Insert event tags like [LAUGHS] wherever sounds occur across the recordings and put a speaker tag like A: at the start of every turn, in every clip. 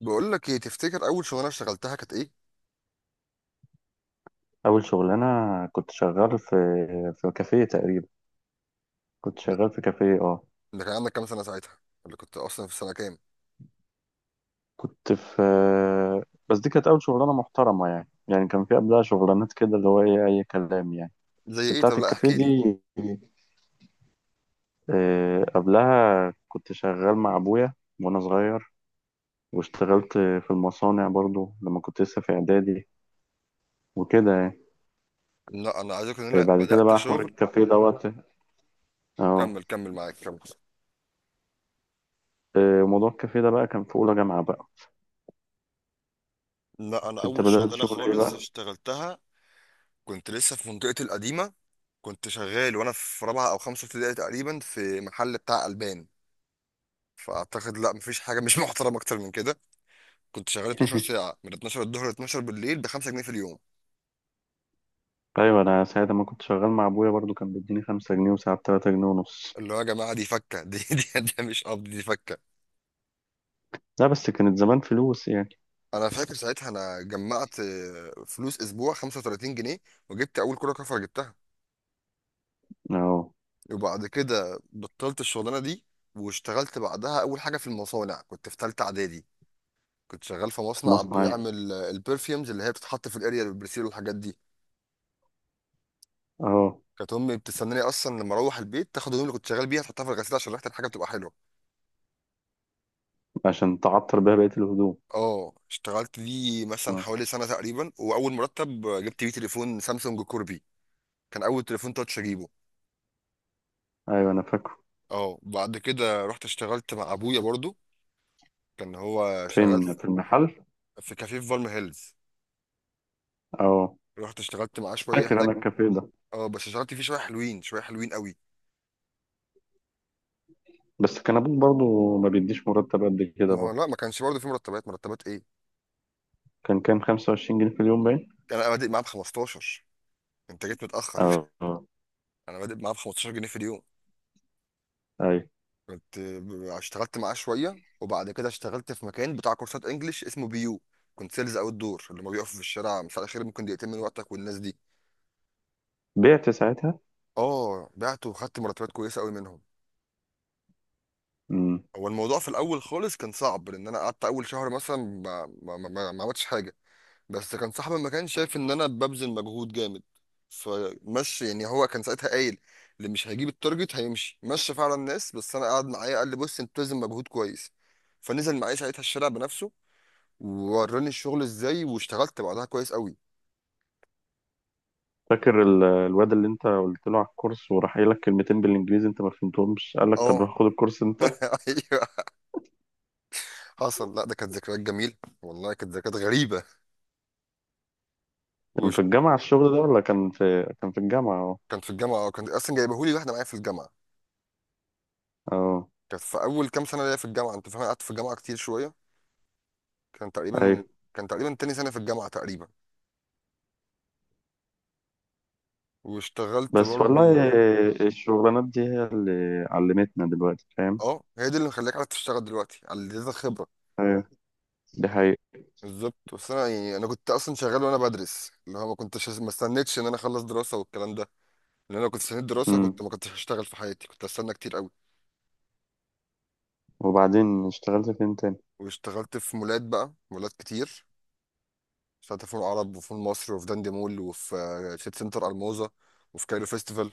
A: بقول لك ايه؟ تفتكر اول شغلانه اشتغلتها كانت ايه؟
B: أول شغلانة. كنت شغال في كافيه تقريبا. كنت
A: ده
B: شغال في كافيه. اه.
A: ده كان عندك كام سنه ساعتها؟ اللي كنت اصلا في سنه كام؟
B: كنت في بس دي كانت أول شغلانة محترمة، يعني كان في قبلها شغلانات كده اللي هو إيه، أي كلام يعني.
A: زي
B: بس
A: ايه؟
B: بتاعة
A: طب لا
B: الكافيه
A: احكي لي.
B: دي. قبلها كنت شغال مع أبويا وأنا صغير، واشتغلت في المصانع برضو لما كنت لسه في إعدادي وكده يعني.
A: لا انا عايزك ان انا
B: بعد كده
A: بدات
B: بقى حوار
A: شغل.
B: الكافيه دوت. اه.
A: كمل كمل معاك كمل.
B: موضوع الكافيه ده بقى كان في أولى جامعة بقى.
A: لا انا
B: أنت
A: اول
B: بدأت
A: شغلانه
B: شغل إيه
A: خالص
B: بقى؟
A: اشتغلتها كنت لسه في منطقتي القديمه. كنت شغال وانا في رابعه او خمسه ابتدائي تقريبا في محل بتاع البان. فاعتقد لا مفيش حاجه مش محترمه اكتر من كده. كنت شغال 12
B: [LAUGHS]
A: ساعه من 12 الظهر ل 12 بالليل ب 5 جنيه في اليوم.
B: ايوه، انا ساعه ما كنت شغال مع ابويا برضو كان بيديني 5 جنيه وساعات 3 جنيه ونص.
A: اللي هو يا جماعه دي فكه. [LAUGHS] دي مش قبض، دي فكه.
B: لا، بس كانت زمان فلوس يعني.
A: انا فاكر ساعتها انا جمعت فلوس اسبوع 35 جنيه، وجبت اول كرة كفر جبتها.
B: اه.
A: وبعد كده بطلت الشغلانة دي، واشتغلت بعدها اول حاجة في المصانع. كنت في ثالثة اعدادي. كنت شغال في مصنع
B: مصنعية.
A: بيعمل البرفيومز اللي هي بتتحط في الاريا البرسيل والحاجات دي.
B: اه.
A: كانت امي بتستناني اصلا لما اروح البيت تاخد الهدوم اللي كنت شغال بيها تحطها في الغسيل عشان ريحه الحاجه بتبقى حلوه.
B: عشان تعطر بيها بقية الهدوم.
A: اه، اشتغلت لي مثلا
B: اه.
A: حوالي سنه تقريبا، واول مرتب جبت بيه تليفون سامسونج كوربي. كان اول تليفون تاتش اجيبه.
B: ايوه، انا فاكره.
A: اه، بعد كده رحت اشتغلت مع ابويا برضو. كان هو شغال
B: فين؟
A: في
B: في المحل.
A: في كافيه في فالم هيلز.
B: اه.
A: رحت اشتغلت معاه شويه
B: فاكر
A: هناك.
B: انا الكافيه ده.
A: اه، بس اشتغلت فيه شويه حلوين، شويه حلوين قوي.
B: بس كان ابوك برضو ما بيديش مرتب قد كده
A: ما هو
B: برضو.
A: لا، ما كانش برضو في مرتبات، مرتبات ايه.
B: كان كام؟ 25 جنيه في اليوم باين.
A: كان انا بادئ معاه ب 15. انت جيت متاخر.
B: اه اه.
A: [LAUGHS] انا بادئ معاه ب 15 جنيه في اليوم.
B: ايوه،
A: اشتغلت معاه شويه، وبعد كده اشتغلت في مكان بتاع كورسات انجليش اسمه بي يو. كنت سيلز اوت دور اللي ما بيقفوا في الشارع: مساء الخير، ممكن دقيقتين من وقتك؟ والناس دي.
B: بعت ساعتها.
A: اه، بعت وخدت مرتبات كويسه قوي منهم.
B: امم.
A: هو الموضوع في الاول خالص كان صعب، لان انا قعدت اول شهر مثلا ما عملتش حاجه. بس كان صاحبي ما كان شايف ان انا ببذل مجهود جامد فمشي، يعني هو كان ساعتها قايل اللي مش هيجيب التارجت هيمشي. مشى فعلا الناس، بس انا قعد معايا قال لي: بص، انت بتبذل مجهود كويس. فنزل معايا ساعتها الشارع بنفسه ووراني الشغل ازاي، واشتغلت بعدها كويس قوي.
B: فاكر الواد اللي انت قلت له على الكورس وراح قايل لك كلمتين بالانجليزي انت ما فهمتهمش، قال لك طب
A: اه.
B: روح خد الكورس انت.
A: [LAUGHS] ايوه، حصل. لا ده كانت ذكريات جميله، والله كانت ذكريات غريبه.
B: كان في
A: وش.
B: الجامعة الشغل ده ولا كان في؟ كان في الجامعة. اه.
A: كان في الجامعه، كان اصلا جايبهولي واحده معايا في الجامعه.
B: اه.
A: كانت في اول كام سنه ليا في الجامعه، انت فاهم، أنا قعدت في الجامعه كتير شويه. كان تقريبا
B: ايوه.
A: كان تقريبا تاني سنه في الجامعه تقريبا، واشتغلت
B: بس
A: برضو.
B: والله الشغلانات دي هي اللي علمتنا دلوقتي، فاهم؟
A: اه، هي دي اللي مخليك عارف تشتغل دلوقتي، على اديتك خبره.
B: ايوه، دي حقيقة.
A: بالظبط. بس انا يعني انا كنت اصلا شغال وانا بدرس، اللي هو ما استنيتش ان انا اخلص دراسه والكلام ده. لان انا كنت استنيت دراسه، كنت
B: امم.
A: ما كنتش هشتغل في حياتي، كنت استنى كتير قوي.
B: وبعدين اشتغلت فين تاني؟
A: واشتغلت في مولات بقى، مولات كتير. اشتغلت في مول العرب، وفي مول مصر، وفي داندي مول، وفي سيتي سنتر الموزه، وفي كايرو فيستيفال.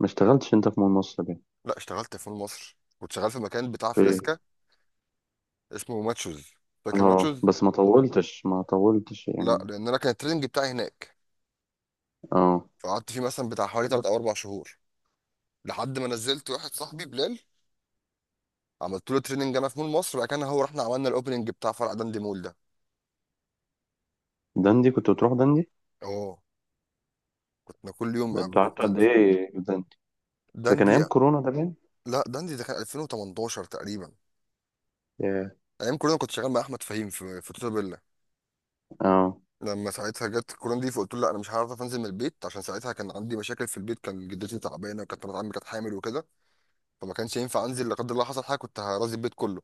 B: ما اشتغلتش انت في مول مصر دي؟
A: لا اشتغلت في مول مصر، كنت شغال في مكان بتاع
B: في ايه؟
A: فريسكا اسمه ماتشوز. فاكر
B: اه،
A: ماتشوز.
B: بس ما طولتش
A: لا،
B: يعني.
A: لان انا كان التريننج بتاعي هناك.
B: اه.
A: فقعدت فيه مثلا بتاع حوالي 3 او 4 شهور لحد ما نزلت واحد صاحبي بلال. عملت له تريننج انا في مول مصر بقى، كان هو رحنا عملنا الاوبننج بتاع فرع داندي مول ده.
B: دندي، كنت بتروح دندي؟
A: اه، كنا كل يوم
B: ده انت
A: بنروح
B: قعدت قد
A: داندي.
B: ايه في دندي؟ ده كان
A: داندي،
B: ايام كورونا ده باين.
A: لا داندي ده كان 2018 تقريبا.
B: ياه.
A: ايام كورونا كنت شغال مع احمد فهيم في توتا بيلا.
B: اه.
A: لما ساعتها جت كورونا دي فقلت له لا انا مش هعرف انزل من البيت، عشان ساعتها كان عندي مشاكل في البيت، كان جدتي تعبانه، وكانت مرات عمي كانت حامل وكده. فما كانش ينفع انزل، لا قدر الله حصل حاجه كنت هرازي البيت كله،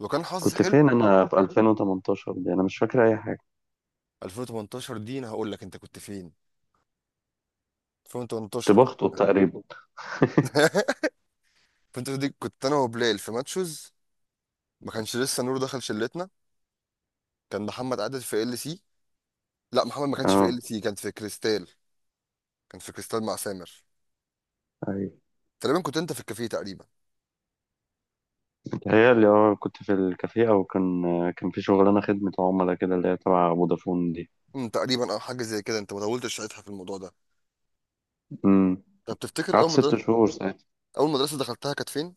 A: لو كان حظي
B: كنت
A: حلو.
B: فين انا في 2018 دي؟ انا مش فاكر اي حاجة.
A: 2018 دي انا هقول لك انت كنت فين.
B: كنت
A: 2018 كنت.
B: بخطب تقريبا.
A: [LAUGHS] 2018 دي كنت انا وبلال في ماتشوز، ما كانش لسه نور دخل شلتنا. كان محمد قاعد في ال سي. لا محمد ما كانش في
B: اه.
A: ال سي، كان في كريستال. كان في كريستال مع سامر.
B: ايوه.
A: تقريبا كنت انت في الكافيه تقريبا.
B: هي اللي هو كنت في الكافيه او كان كان في شغلانه خدمه عملاء كده اللي هي تبع فودافون دي.
A: امم، تقريبا او حاجه زي كده. انت ما طولتش ساعتها في الموضوع ده.
B: امم.
A: طب تفتكر
B: قعدت
A: اول
B: ست
A: مدرسه؟
B: شهور ساعتها.
A: اول مدرسه دخلتها كانت فين؟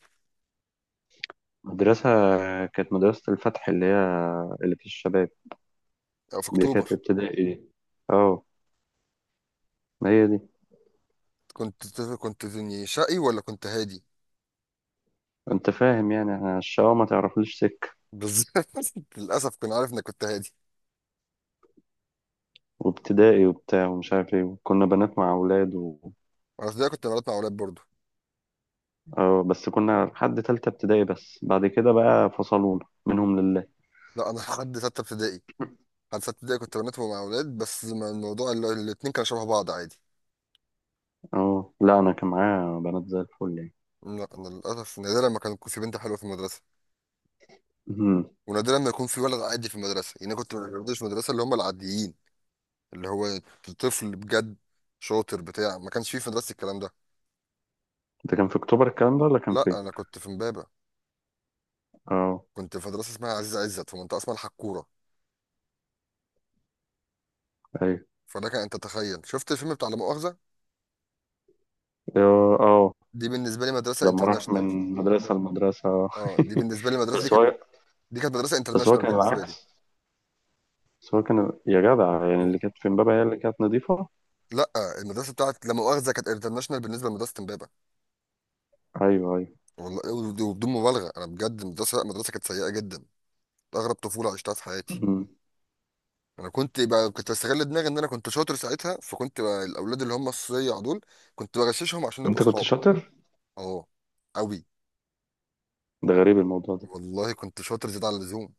B: المدرسه كانت مدرسه الفتح، اللي هي اللي في الشباب.
A: او في
B: دي كانت
A: اكتوبر؟
B: ابتدائي. اه. ما هي دي.
A: كنت شقي ولا كنت هادي؟
B: انت فاهم يعني احنا الشقاوة ما تعرفليش سك.
A: بالظبط. [LAUGHS] للاسف كنت عارف انك كنت هادي.
B: وابتدائي وبتاع ومش عارف ايه، كنا بنات مع اولاد و...
A: انا في البدايه كنت بنات مع اولاد برضو.
B: اه، بس كنا لحد تالتة ابتدائي، بس بعد كده بقى فصلونا منهم لله.
A: لا انا لحد سته ابتدائي. لحد سته ابتدائي كنت بنات مع اولاد، بس ما الموضوع الاتنين كانوا شبه بعض عادي.
B: اه. لا، انا كان معايا بنات زي الفل يعني.
A: لا انا للاسف نادرا ما كان يكون في بنت حلوه في المدرسه،
B: [LAUGHS]
A: ونادرا ما يكون في ولد عادي في المدرسه. يعني أنا كنت ما بقابلش في المدرسه اللي هم العاديين، اللي هو طفل بجد، شاطر بتاع. ما كانش فيه في مدرستي الكلام ده.
B: ده كان في اكتوبر الكلام ده ولا كان
A: لا
B: فين؟
A: انا كنت في امبابه.
B: اه.
A: كنت في مدرسه اسمها عزيز عزت في منطقه اسمها الحكوره.
B: ايوه.
A: فده كان، انت تخيل شفت الفيلم بتاع لا مؤاخذه؟
B: اه.
A: دي بالنسبه لي مدرسه
B: لما راح
A: انترناشونال.
B: من مدرسة لمدرسة.
A: اه دي بالنسبه لي المدرسه دي
B: بس
A: كانت،
B: هو
A: دي كانت مدرسه
B: بس هو
A: انترناشونال
B: كان
A: بالنسبه لي.
B: العكس. بس هو كان يا جدع، يعني اللي
A: والله
B: كانت في امبابة هي اللي كانت نظيفة.
A: لا، المدرسه بتاعت لا مؤاخذه كانت انترناشونال بالنسبه لمدرسه امبابه.
B: ايوه ايوه.
A: والله وبدون مبالغه انا بجد المدرسه، لا مدرسه، كانت سيئه جدا. اغرب طفوله عشتها في حياتي.
B: أمم.
A: انا كنت بقى كنت بستغل دماغي ان انا كنت شاطر ساعتها. فكنت بقى الاولاد اللي هم الصيع دول كنت بغششهم عشان نبقى
B: انت كنت
A: اصحاب.
B: شاطر؟
A: اه، قوي.
B: ده غريب الموضوع ده.
A: والله كنت شاطر زياده عن اللزوم.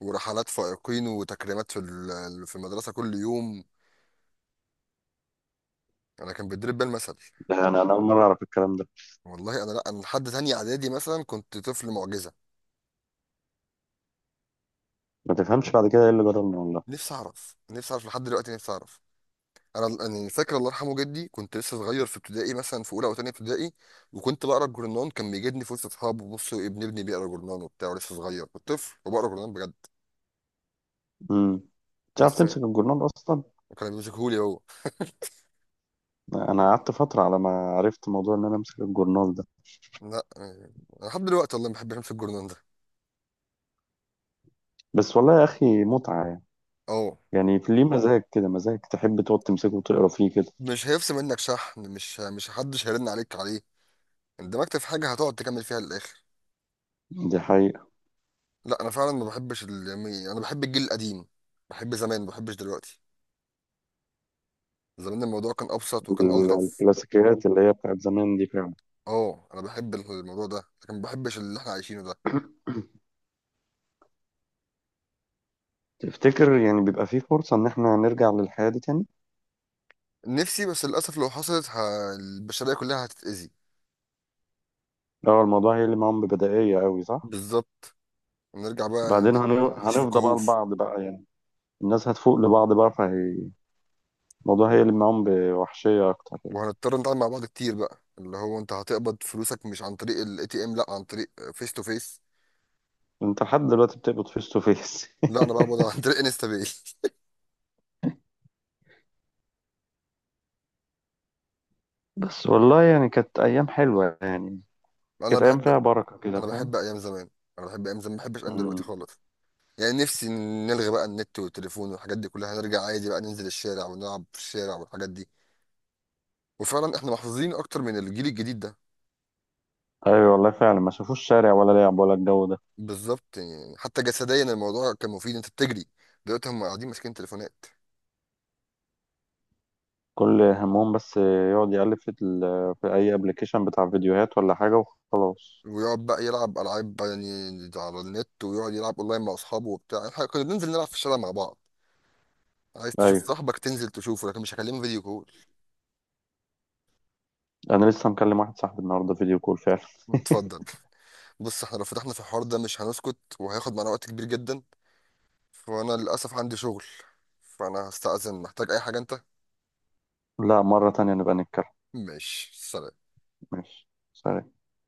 A: ورحلات فائقين وتكريمات في في المدرسه كل يوم. انا كان بيدرب بيا المثل.
B: ده انا اول مرة اعرف الكلام ده.
A: والله انا، لا انا لحد تانية اعدادي مثلا كنت طفل معجزه.
B: ما تفهمش بعد كده ايه اللي جرالنا والله.
A: نفسي اعرف، نفسي اعرف لحد دلوقتي، نفسي اعرف. انا يعني فاكر الله يرحمه جدي، كنت لسه صغير في ابتدائي مثلا في اولى او تانية ابتدائي، وكنت بقرا الجورنان. كان بيجدني في وسط اصحابه: بص ابن ابني بيقرا جورنان وبتاع، ولسه صغير. كنت طفل وبقرا جورنان بجد.
B: امم. تعرف
A: بس.
B: تمسك الجورنال اصلا؟
A: وكان بيمسكهولي هو.
B: انا قعدت فترة على ما عرفت موضوع ان انا امسك الجورنال ده.
A: لا يعني أنا لحد دلوقتي والله ما بحبش امسك الجورنان ده.
B: بس والله يا اخي متعة يعني.
A: اه.
B: يعني ليه مزاج كده، مزاج تحب تقعد تمسكه وتقرا فيه كده.
A: مش هيفصل منك شحن مش حدش هيرن عليك عليه. اندمجت في حاجه هتقعد تكمل فيها للاخر.
B: دي حقيقة.
A: لا انا فعلا ما بحبش يعني انا بحب الجيل القديم. بحب زمان، ما بحبش دلوقتي. زمان الموضوع كان ابسط وكان الطف.
B: الكلاسيكيات اللي هي بتاعت زمان دي فعلا.
A: اه، انا بحب الموضوع ده، لكن ما بحبش اللي احنا عايشينه ده.
B: تفتكر يعني بيبقى في فرصة إن إحنا نرجع للحياة دي تاني؟
A: نفسي، بس للاسف لو حصلت البشريه كلها هتتاذي.
B: لو الموضوع هي اللي معاهم ببدائية أوي، صح؟
A: بالظبط. نرجع بقى ن-
B: بعدين
A: نعيش في
B: هنفضى بقى
A: كهوف.
B: لبعض بقى يعني. الناس هتفوق لبعض بقى فهي. الموضوع هي اللي معاهم بوحشية أكتر يعني.
A: وهنضطر نتعامل مع بعض كتير بقى، اللي هو انت هتقبض فلوسك مش عن طريق الاي تي ام، لا عن طريق فيس تو فيس.
B: أنت لحد دلوقتي بتقبض فيس تو فيس؟
A: لا
B: [LAUGHS]
A: انا بقبض عن طريق انستا باي.
B: بس والله يعني كانت أيام حلوة يعني.
A: [LAUGHS] انا
B: كانت أيام
A: بحب،
B: فيها بركة كده،
A: انا
B: فاهم؟
A: بحب ايام زمان. انا بحب ايام زمان، ما بحبش ايام دلوقتي
B: مم.
A: خالص. يعني نفسي نلغي بقى النت والتليفون والحاجات دي كلها، هنرجع عادي بقى ننزل الشارع ونلعب في الشارع والحاجات دي. وفعلا احنا محظوظين اكتر من الجيل الجديد ده.
B: أيوة والله فعلا، ما شافوش شارع ولا لعب ولا الجو ده.
A: بالظبط، يعني حتى جسديا الموضوع كان مفيد، انت بتجري. دلوقتي هم قاعدين ماسكين تليفونات.
B: كل همهم بس يقعد يقلب في اي ابلكيشن بتاع فيديوهات ولا حاجه وخلاص.
A: ويقعد بقى يلعب العاب بقى يعني على النت، ويقعد يلعب اونلاين مع اصحابه وبتاع. احنا كنا بننزل نلعب في الشارع مع بعض. عايز تشوف
B: ايوه،
A: صاحبك تنزل تشوفه، لكن مش هكلمه فيديو كول.
B: انا لسه مكلم واحد صاحبي النهارده فيديو كول فعلا.
A: اتفضل. بص احنا لو فتحنا في الحوار ده مش هنسكت، وهياخد معانا وقت كبير جدا. فانا للاسف عندي شغل، فانا هستأذن. محتاج اي حاجة انت؟
B: [LAUGHS] لا، مره تانية نبقى نتكلم.
A: ماشي، سلام.
B: ماشي سلام.